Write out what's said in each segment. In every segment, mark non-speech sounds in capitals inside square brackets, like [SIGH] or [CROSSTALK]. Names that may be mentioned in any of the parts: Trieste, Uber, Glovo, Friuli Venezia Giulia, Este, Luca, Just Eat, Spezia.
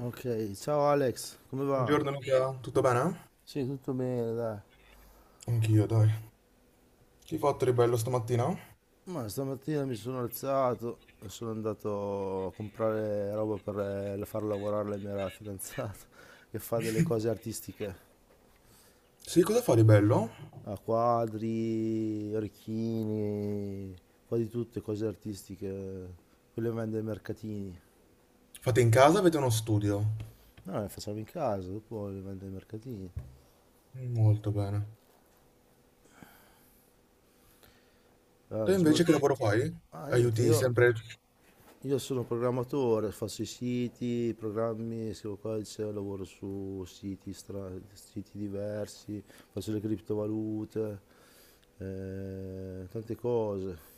Ok, ciao Alex, come va? Buongiorno Luca, tutto bene? Sì, tutto bene, dai. Anch'io, dai. Che hai fatto di bello stamattina? Ma stamattina mi sono alzato e sono andato a comprare roba per far lavorare la mia fidanzata [LAUGHS] che fa delle cose artistiche, Sì, cosa fai di bello? a quadri, orecchini, un po' di tutte cose artistiche, quelle che vende ai mercatini. Fate in casa, o avete uno studio? No, le facciamo in casa, dopo le vende ai mercatini. Mm, molto bene. Ah, Te cosa mi invece vole- che lavoro fai? ah, niente, Aiuti io sempre Io sono programmatore, faccio i siti, i programmi, scrivo codice, lavoro su siti, siti diversi, faccio le criptovalute, tante cose.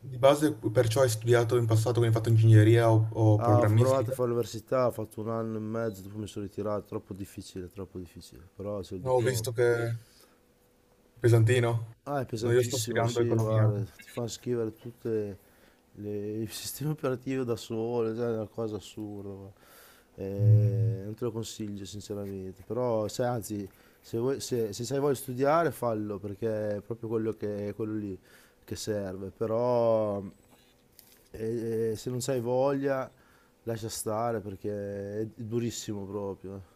di base, perciò hai studiato in passato, quindi hai fatto ingegneria o Ah, ho provato a programmistica? fare l'università, ho fatto un anno e mezzo, dopo mi sono ritirato, troppo difficile, però c'è il No, ho diploma. visto che. Pesantino. Ah, è No, io sto pesantissimo, studiando sì, economia. guarda, ti fanno scrivere tutte il [LAUGHS] sistema operativo da solo, cioè, è una cosa assurda, guarda. Mm. Non te lo consiglio sinceramente, però se, anzi, se, vuoi, se hai voglia di studiare fallo perché è proprio quello, è quello lì che serve, però se non hai voglia lascia stare perché è durissimo proprio.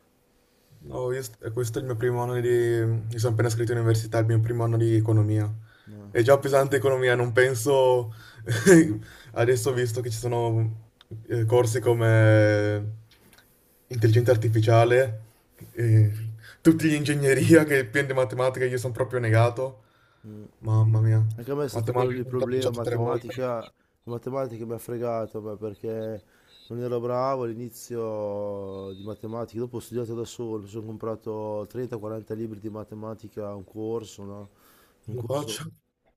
No, questo è il mio primo anno di. Mi sono appena iscritto in università, è il mio primo anno di economia. No. È già pesante economia, non penso. [LAUGHS] Adesso ho visto che ci sono corsi come intelligenza artificiale, eh, tutti gli ingegneria che pieno di matematica, io sono proprio negato. Mm. Mamma mia, Anche a me è stato quello lì matematica il l'ho già problema, bocciato tre volte. matematica, matematica mi ha fregato, ma perché non ero bravo all'inizio di matematica, dopo ho studiato da solo, mi sono comprato 30-40 libri di matematica, un corso, no? Un Non lo corso, faccio.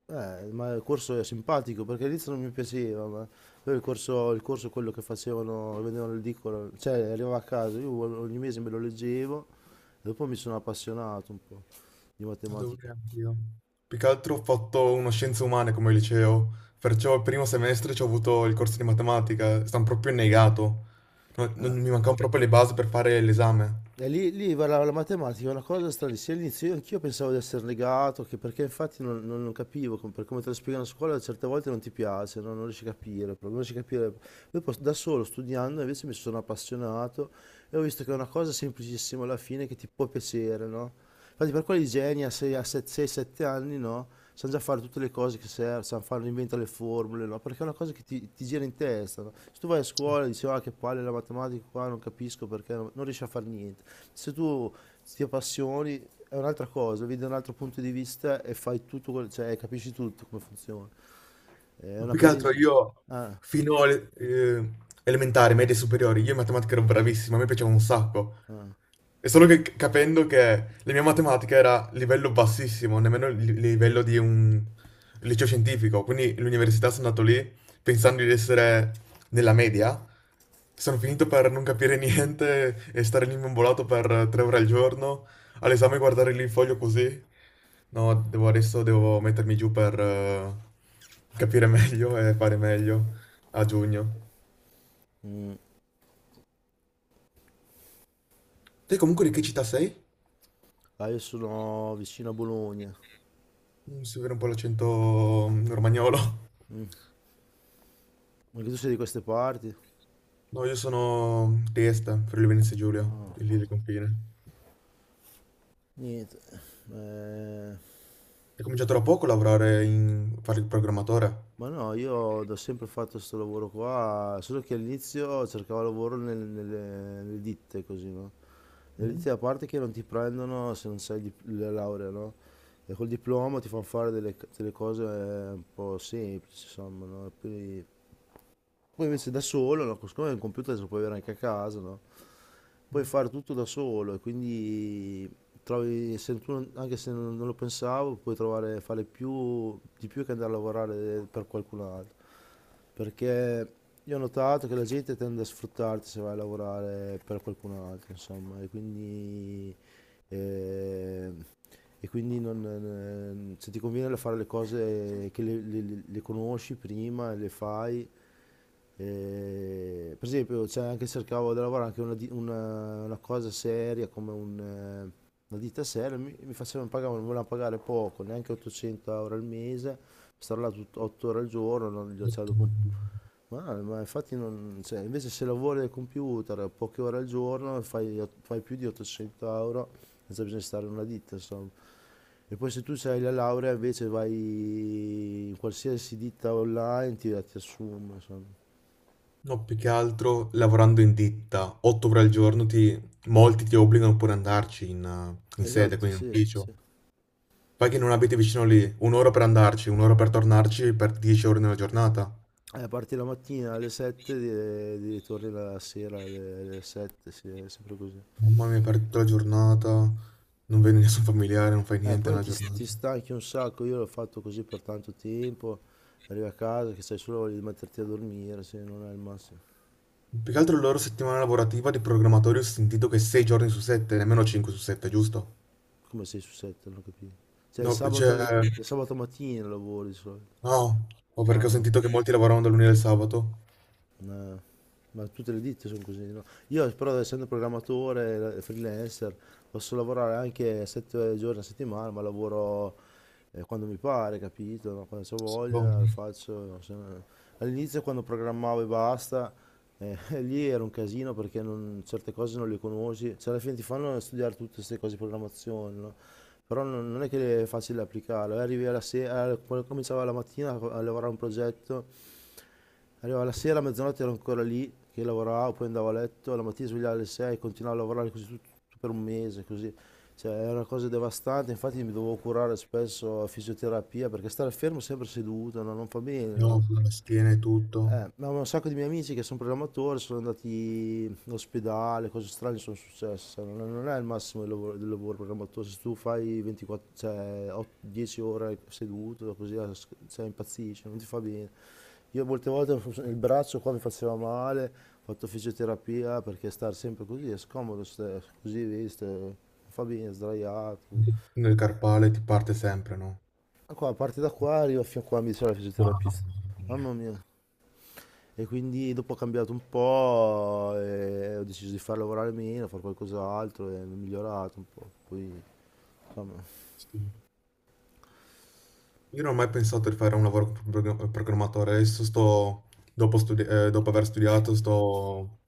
ma il corso è simpatico perché all'inizio non mi piaceva, ma poi il corso è quello che facevano, che vendevano l'edicola, cioè arrivava a casa, io ogni mese me lo leggevo e dopo mi sono appassionato un po' di matematica. Dovrei anch'io. Più che altro ho fatto uno scienze umane come liceo, perciò il primo semestre ci ho avuto il corso di matematica, sono proprio negato. Non, eh. non- mi mancavano proprio le basi per fare l'esame. E lì parlava la matematica, è una cosa stranissima. All'inizio anch'io pensavo di essere negato, che perché infatti non capivo, per come te lo spiegano a scuola, certe volte non ti piace, no? Non riesci a capire, proprio, non riesci a capire. Poi da solo, studiando, invece mi sono appassionato e ho visto che è una cosa semplicissima alla fine che ti può piacere, no? Infatti per quelli geni a 6-7 anni, no, sanno già fare tutte le cose che servono, sanno fare, inventano le formule, no, perché è una cosa che ti gira in testa, no? Se tu vai a scuola e dici, ah, che palle la matematica qua, non capisco perché, non riesci a fare niente. Se tu ti appassioni è un'altra cosa, vedi da un altro punto di vista e fai tutto, cioè capisci tutto come funziona. È Ma una più che presa in altro giro. io Ah, fino alle elementari, medie e superiori, io in matematica ero bravissimo, a me piaceva un sacco. ah, E solo che capendo che la mia matematica era livello bassissimo, nemmeno livello di un liceo scientifico, quindi l'università sono andato lì pensando di essere nella media, sono finito per non capire niente e stare lì imbambolato per 3 ore al giorno, all'esame guardare lì il foglio così. No, adesso devo mettermi giù per capire [LAUGHS] meglio e fare meglio a giugno. mm. Te comunque di che città sei? Ah, io sono vicino a Bologna. Si vede un po' l'accento romagnolo. Mm. Anche tu sei di queste parti? No, io sono di Este, Friuli Venezia Giulia, No, lì del confine. niente. Eh, Hai cominciato da poco a lavorare in, fare il programmatore? Ma no, io ho sempre fatto questo lavoro qua, solo che all'inizio cercavo lavoro nelle ditte, così, no? Nelle Mm? ditte, a parte che non ti prendono se non sai il la laurea, no? E col diploma ti fanno fare delle cose un po' semplici, insomma, no? E poi invece da solo, no? Siccome il computer se lo puoi avere anche a casa, no? Puoi fare tutto da solo e quindi trovi, se tu- anche se non lo pensavo, puoi trovare, fare più, di più che andare a lavorare per qualcun altro. Perché io ho notato che la gente tende a sfruttarti se vai a lavorare per qualcun altro, insomma, e quindi, eh, e quindi non- se ti conviene fare le cose che le conosci prima e le fai, per esempio, c'è anche cercavo di lavorare anche una cosa seria come una ditta seria, mi facevano pagare, mi volevano pagare poco, neanche 800 euro al mese, stare là 8 ore al giorno, non, cioè, dopo un- Mm. ma, ma infatti non, cioè, invece se lavori al computer poche ore al giorno e fai più di 800 euro senza bisogno di stare in una ditta, insomma. E poi se tu hai la laurea invece vai in qualsiasi ditta online ti assume, insomma. No, più che altro lavorando in ditta, 8 ore al giorno, molti ti obbligano pure ad andarci in sede, Esatto, quindi in sì, ufficio. sì. Poi che non abiti vicino lì, un'ora per andarci, un'ora per tornarci, per 10 ore nella giornata. Parti la mattina alle 7 e torni la sera alle 7, sì, è sempre così. Mamma mia, per tutta la giornata, non vedi nessun familiare, non fai niente Poi nella ti, giornata. ti stanchi un sacco, io l'ho fatto così per tanto tempo, arrivi a casa che sei solo voglia di metterti a dormire, se non è il massimo. Più che altro la loro settimana lavorativa di programmatori ho sentito che 6 giorni su 7, nemmeno 5 su 7, giusto? Come sei su 7, non ho capito. Cioè il No, sabato, il cioè, sabato mattina lavori di solito, no, o perché ho ma sentito che molti lavoravano da lunedì al sabato. Ma, ma tutte le ditte sono così, no? Io però essendo programmatore, freelancer, posso lavorare anche 7 giorni a settimana, ma lavoro quando mi pare, capito? No? Quando ho Sì. Boh. voglia lo faccio. No? Se no- All'inizio quando programmavo e basta, [LAUGHS] lì era un casino perché certe cose non le conosci, cioè alla fine ti fanno studiare tutte queste cose di programmazione, no? Però non è che è facile applicarlo, arrivi alla sera, quando cominciava la mattina a lavorare a un progetto. Arrivava la sera, a mezzanotte ero ancora lì che lavoravo, poi andavo a letto, la mattina svegliavo alle 6, continuavo a lavorare così tutto per un mese, così. Cioè, era una cosa devastante, infatti mi dovevo curare spesso a fisioterapia perché stare fermo sempre seduto, no? Non fa bene, Io no? con la schiena e tutto, Ma un sacco di miei amici che sono programmatori sono andati in ospedale, cose strane sono successe. Non è il massimo del lavoro programmatore. Se tu fai 24, cioè, 10 ore seduto, così cioè, impazzisci, non ti fa bene. Io molte volte il braccio qua mi faceva male, ho fatto fisioterapia perché stare sempre così è scomodo, così vedi, non fa bene, sdraiato. nel carpale ti parte sempre, no? Ma qua, a parte da qua, arrivo fino a qua, mi dice la Mamma fisioterapista. mia. Mamma mia. E quindi dopo ho cambiato un po', e ho deciso di far lavorare meno, fare qualcos'altro e mi ho migliorato un po'. Poi, insomma, Sì. Io non ho mai pensato di fare un lavoro come programmatore, adesso dopo aver studiato, sto,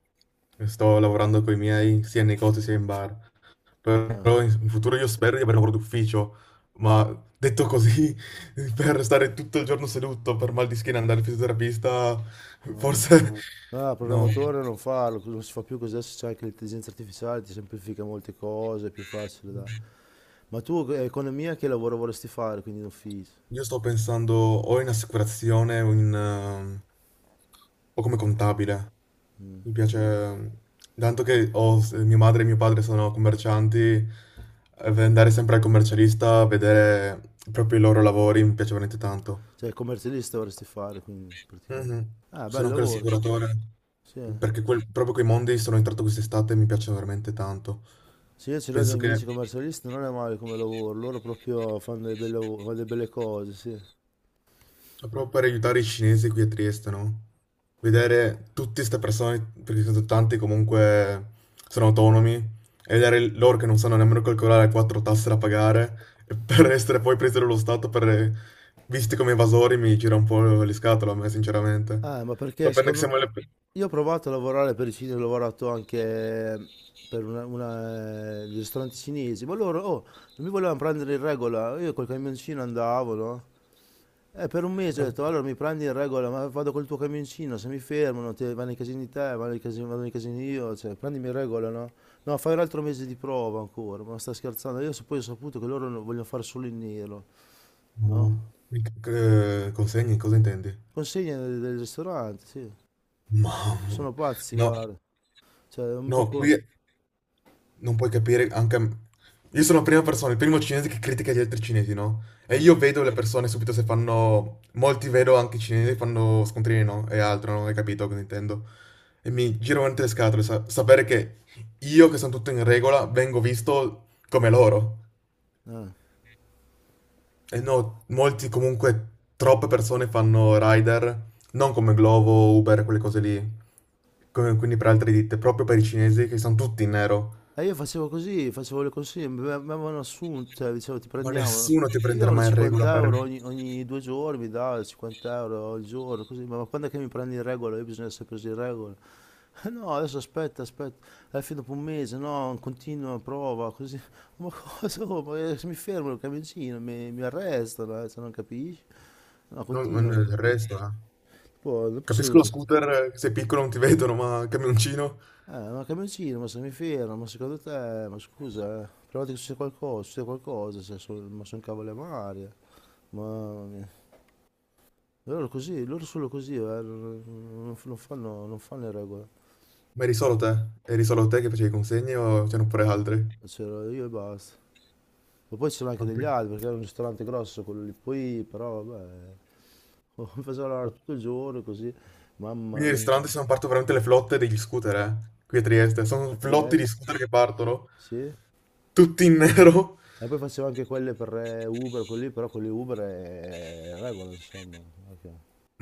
sto lavorando con i miei, sia in negozio sia in bar, eh. però in futuro io spero di avere un lavoro d'ufficio, ma detto così, [LAUGHS] per stare tutto il giorno seduto per mal di schiena e andare al fisioterapista, forse Ah, [LAUGHS] no. programmatore non farlo, non si fa più così, adesso c'è anche l'intelligenza artificiale, ti semplifica molte cose, è più facile da... Ma tu economia che lavoro vorresti fare, quindi in ufficio? Io sto pensando o in assicurazione o o come contabile. Mi piace. Tanto che mia madre e mio padre sono commercianti, andare sempre al commercialista a vedere proprio i loro lavori mi piace veramente tanto. Cioè commercialista vorresti fare, quindi praticamente. Mhm. Ah, bel Sono anche lavoro, sì. l'assicuratore, Sì, eh. perché proprio quei mondi sono entrato quest'estate e mi piacciono veramente tanto. Sì, io ce l'ho Penso dei che. amici commercialisti, non è male come lavoro, loro proprio fanno dei bei lavori- fanno delle belle cose, sì. Ma proprio per aiutare i cinesi qui a Trieste, no? Vedere tutte queste persone, perché sono tanti comunque, sono autonomi, e vedere loro che non sanno nemmeno calcolare le quattro tasse da pagare, e per [LAUGHS] essere poi presi dallo Stato, per, visti come evasori, mi gira un po' le scatole a me, sinceramente. Ma perché Sapendo che secondo me... siamo le. Io ho provato a lavorare per i cinesi, ho lavorato anche eh, per dei ristoranti cinesi, ma loro, oh, non mi volevano prendere in regola, io col camioncino andavo, no? E per un mese ho No, detto, allora mi prendi in regola, ma vado col tuo camioncino, se mi fermano, te, vanno in casini te, vanno in casini, vado in casini io, cioè, prendimi in regola, no? No, fai un altro mese di prova ancora, ma sta scherzando, poi ho saputo che loro vogliono fare solo in nero, no. no? No, consegni, cosa intendi? Consegne del ristorante, sì, Mamma. sono pazzi, No, guarda, cioè, no, dopo... qui. Non puoi capire anche. Io sono la prima persona, il primo cinese che critica gli altri cinesi, no? E Ah, io vedo le persone subito se fanno. Molti vedo anche cinesi che fanno scontrini, no? E altro, non hai capito cosa intendo. E mi giro veramente le scatole, sapere che io, che sono tutto in regola, vengo visto come loro. ah. E no, molti comunque, troppe persone fanno rider, non come Glovo, Uber, quelle cose lì. Quindi per altre ditte, proprio per i cinesi che sono tutti in nero. E io facevo così, facevo le consegne, mi avevano assunto, cioè, dicevo ti Ma prendiamo, nessuno ti mi prenderà davano mai in regola 50 per. euro ogni 2 giorni, mi davano 50 euro al giorno, così, ma quando è che mi prendi in regola? Io bisogna essere preso in regola. [LAUGHS] No, adesso aspetta, aspetta, alla fine dopo un mese, no, continua, prova, così. [LAUGHS] Ma cosa? Oh, ma se mi fermano il camioncino, mi arrestano, se non capisci? No, No, ma continua, no, il resto, eh. poi dopo è Capisco lo seduto. scooter, sei piccolo non ti [LAUGHS] vedono, ma il camioncino, Ma camioncino, ma se mi fermo, ma secondo te, ma scusa, provate che c'è qualcosa, se so- ma sono cavole a mare, mamma mia. Loro così, loro solo così, non fanno le regole. ma eri solo te? Eri solo te che facevi consegne o c'erano pure Ma no, altri? c'ero io e basta. Ma poi c'erano anche No, degli altri, perché era un ristorante grosso quello lì, poi però vabbè, [LAUGHS] mi faceva lavorare tutto il giorno così, mamma quindi i mia, ristoranti guarda. sono partono veramente le flotte degli scooter, qui a Trieste. Sono A flotti di Trieste, scooter che partono, sì. tutti in [LAUGHS] nero. E poi facevo anche quelle per Uber, quelli, però quelli Uber è regola, insomma. Ok.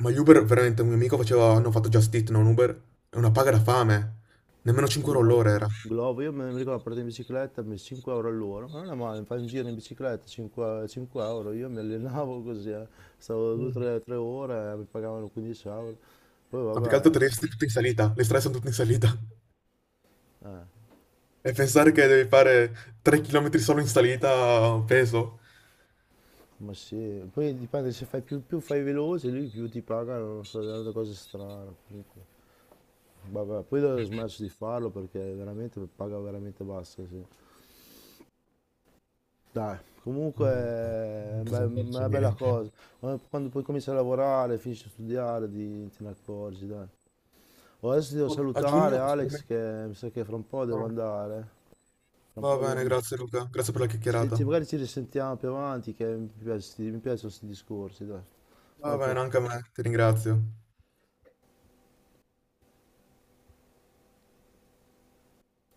Ma gli Uber, veramente, un mio amico faceva, hanno fatto Just Eat, non Uber, è una paga da fame. Nemmeno 5 euro Glovo. all'ora era. Glovo, io me ne ricordo, partito in bicicletta, 5 euro all'ora, ma non è male, fai un giro in bicicletta, 5, 5 euro, io mi allenavo [LAUGHS] così. Stavo Mm. 2-3 ore, mi pagavano 15 euro, poi Ma più che altro vabbè, Trieste è tutta in salita, le strade sono tutte in salita. eh, E pensare che devi fare 3 chilometri solo in salita peso. ma sì, poi dipende se fai più, più fai veloce, lì più ti pagano, non so, delle cose strane, comunque. Vabbè, poi ho smesso di farlo perché veramente paga veramente bassa, sì. Dai, comunque No, è non be- possiamo farci una bella niente. cosa. Quando poi cominci a lavorare, finisci a studiare, te ne accorgi, dai. Oh, adesso ti devo Oh, a salutare, giugno? Alex, Sicuramente che mi sa che fra un po' devo no. andare. Fra un Va po' devo bene, andare. grazie Luca, grazie per la Se chiacchierata. magari ci risentiamo più avanti, che mi piacciono questi discorsi, dai. Va Ok. bene, anche a me, ti ringrazio.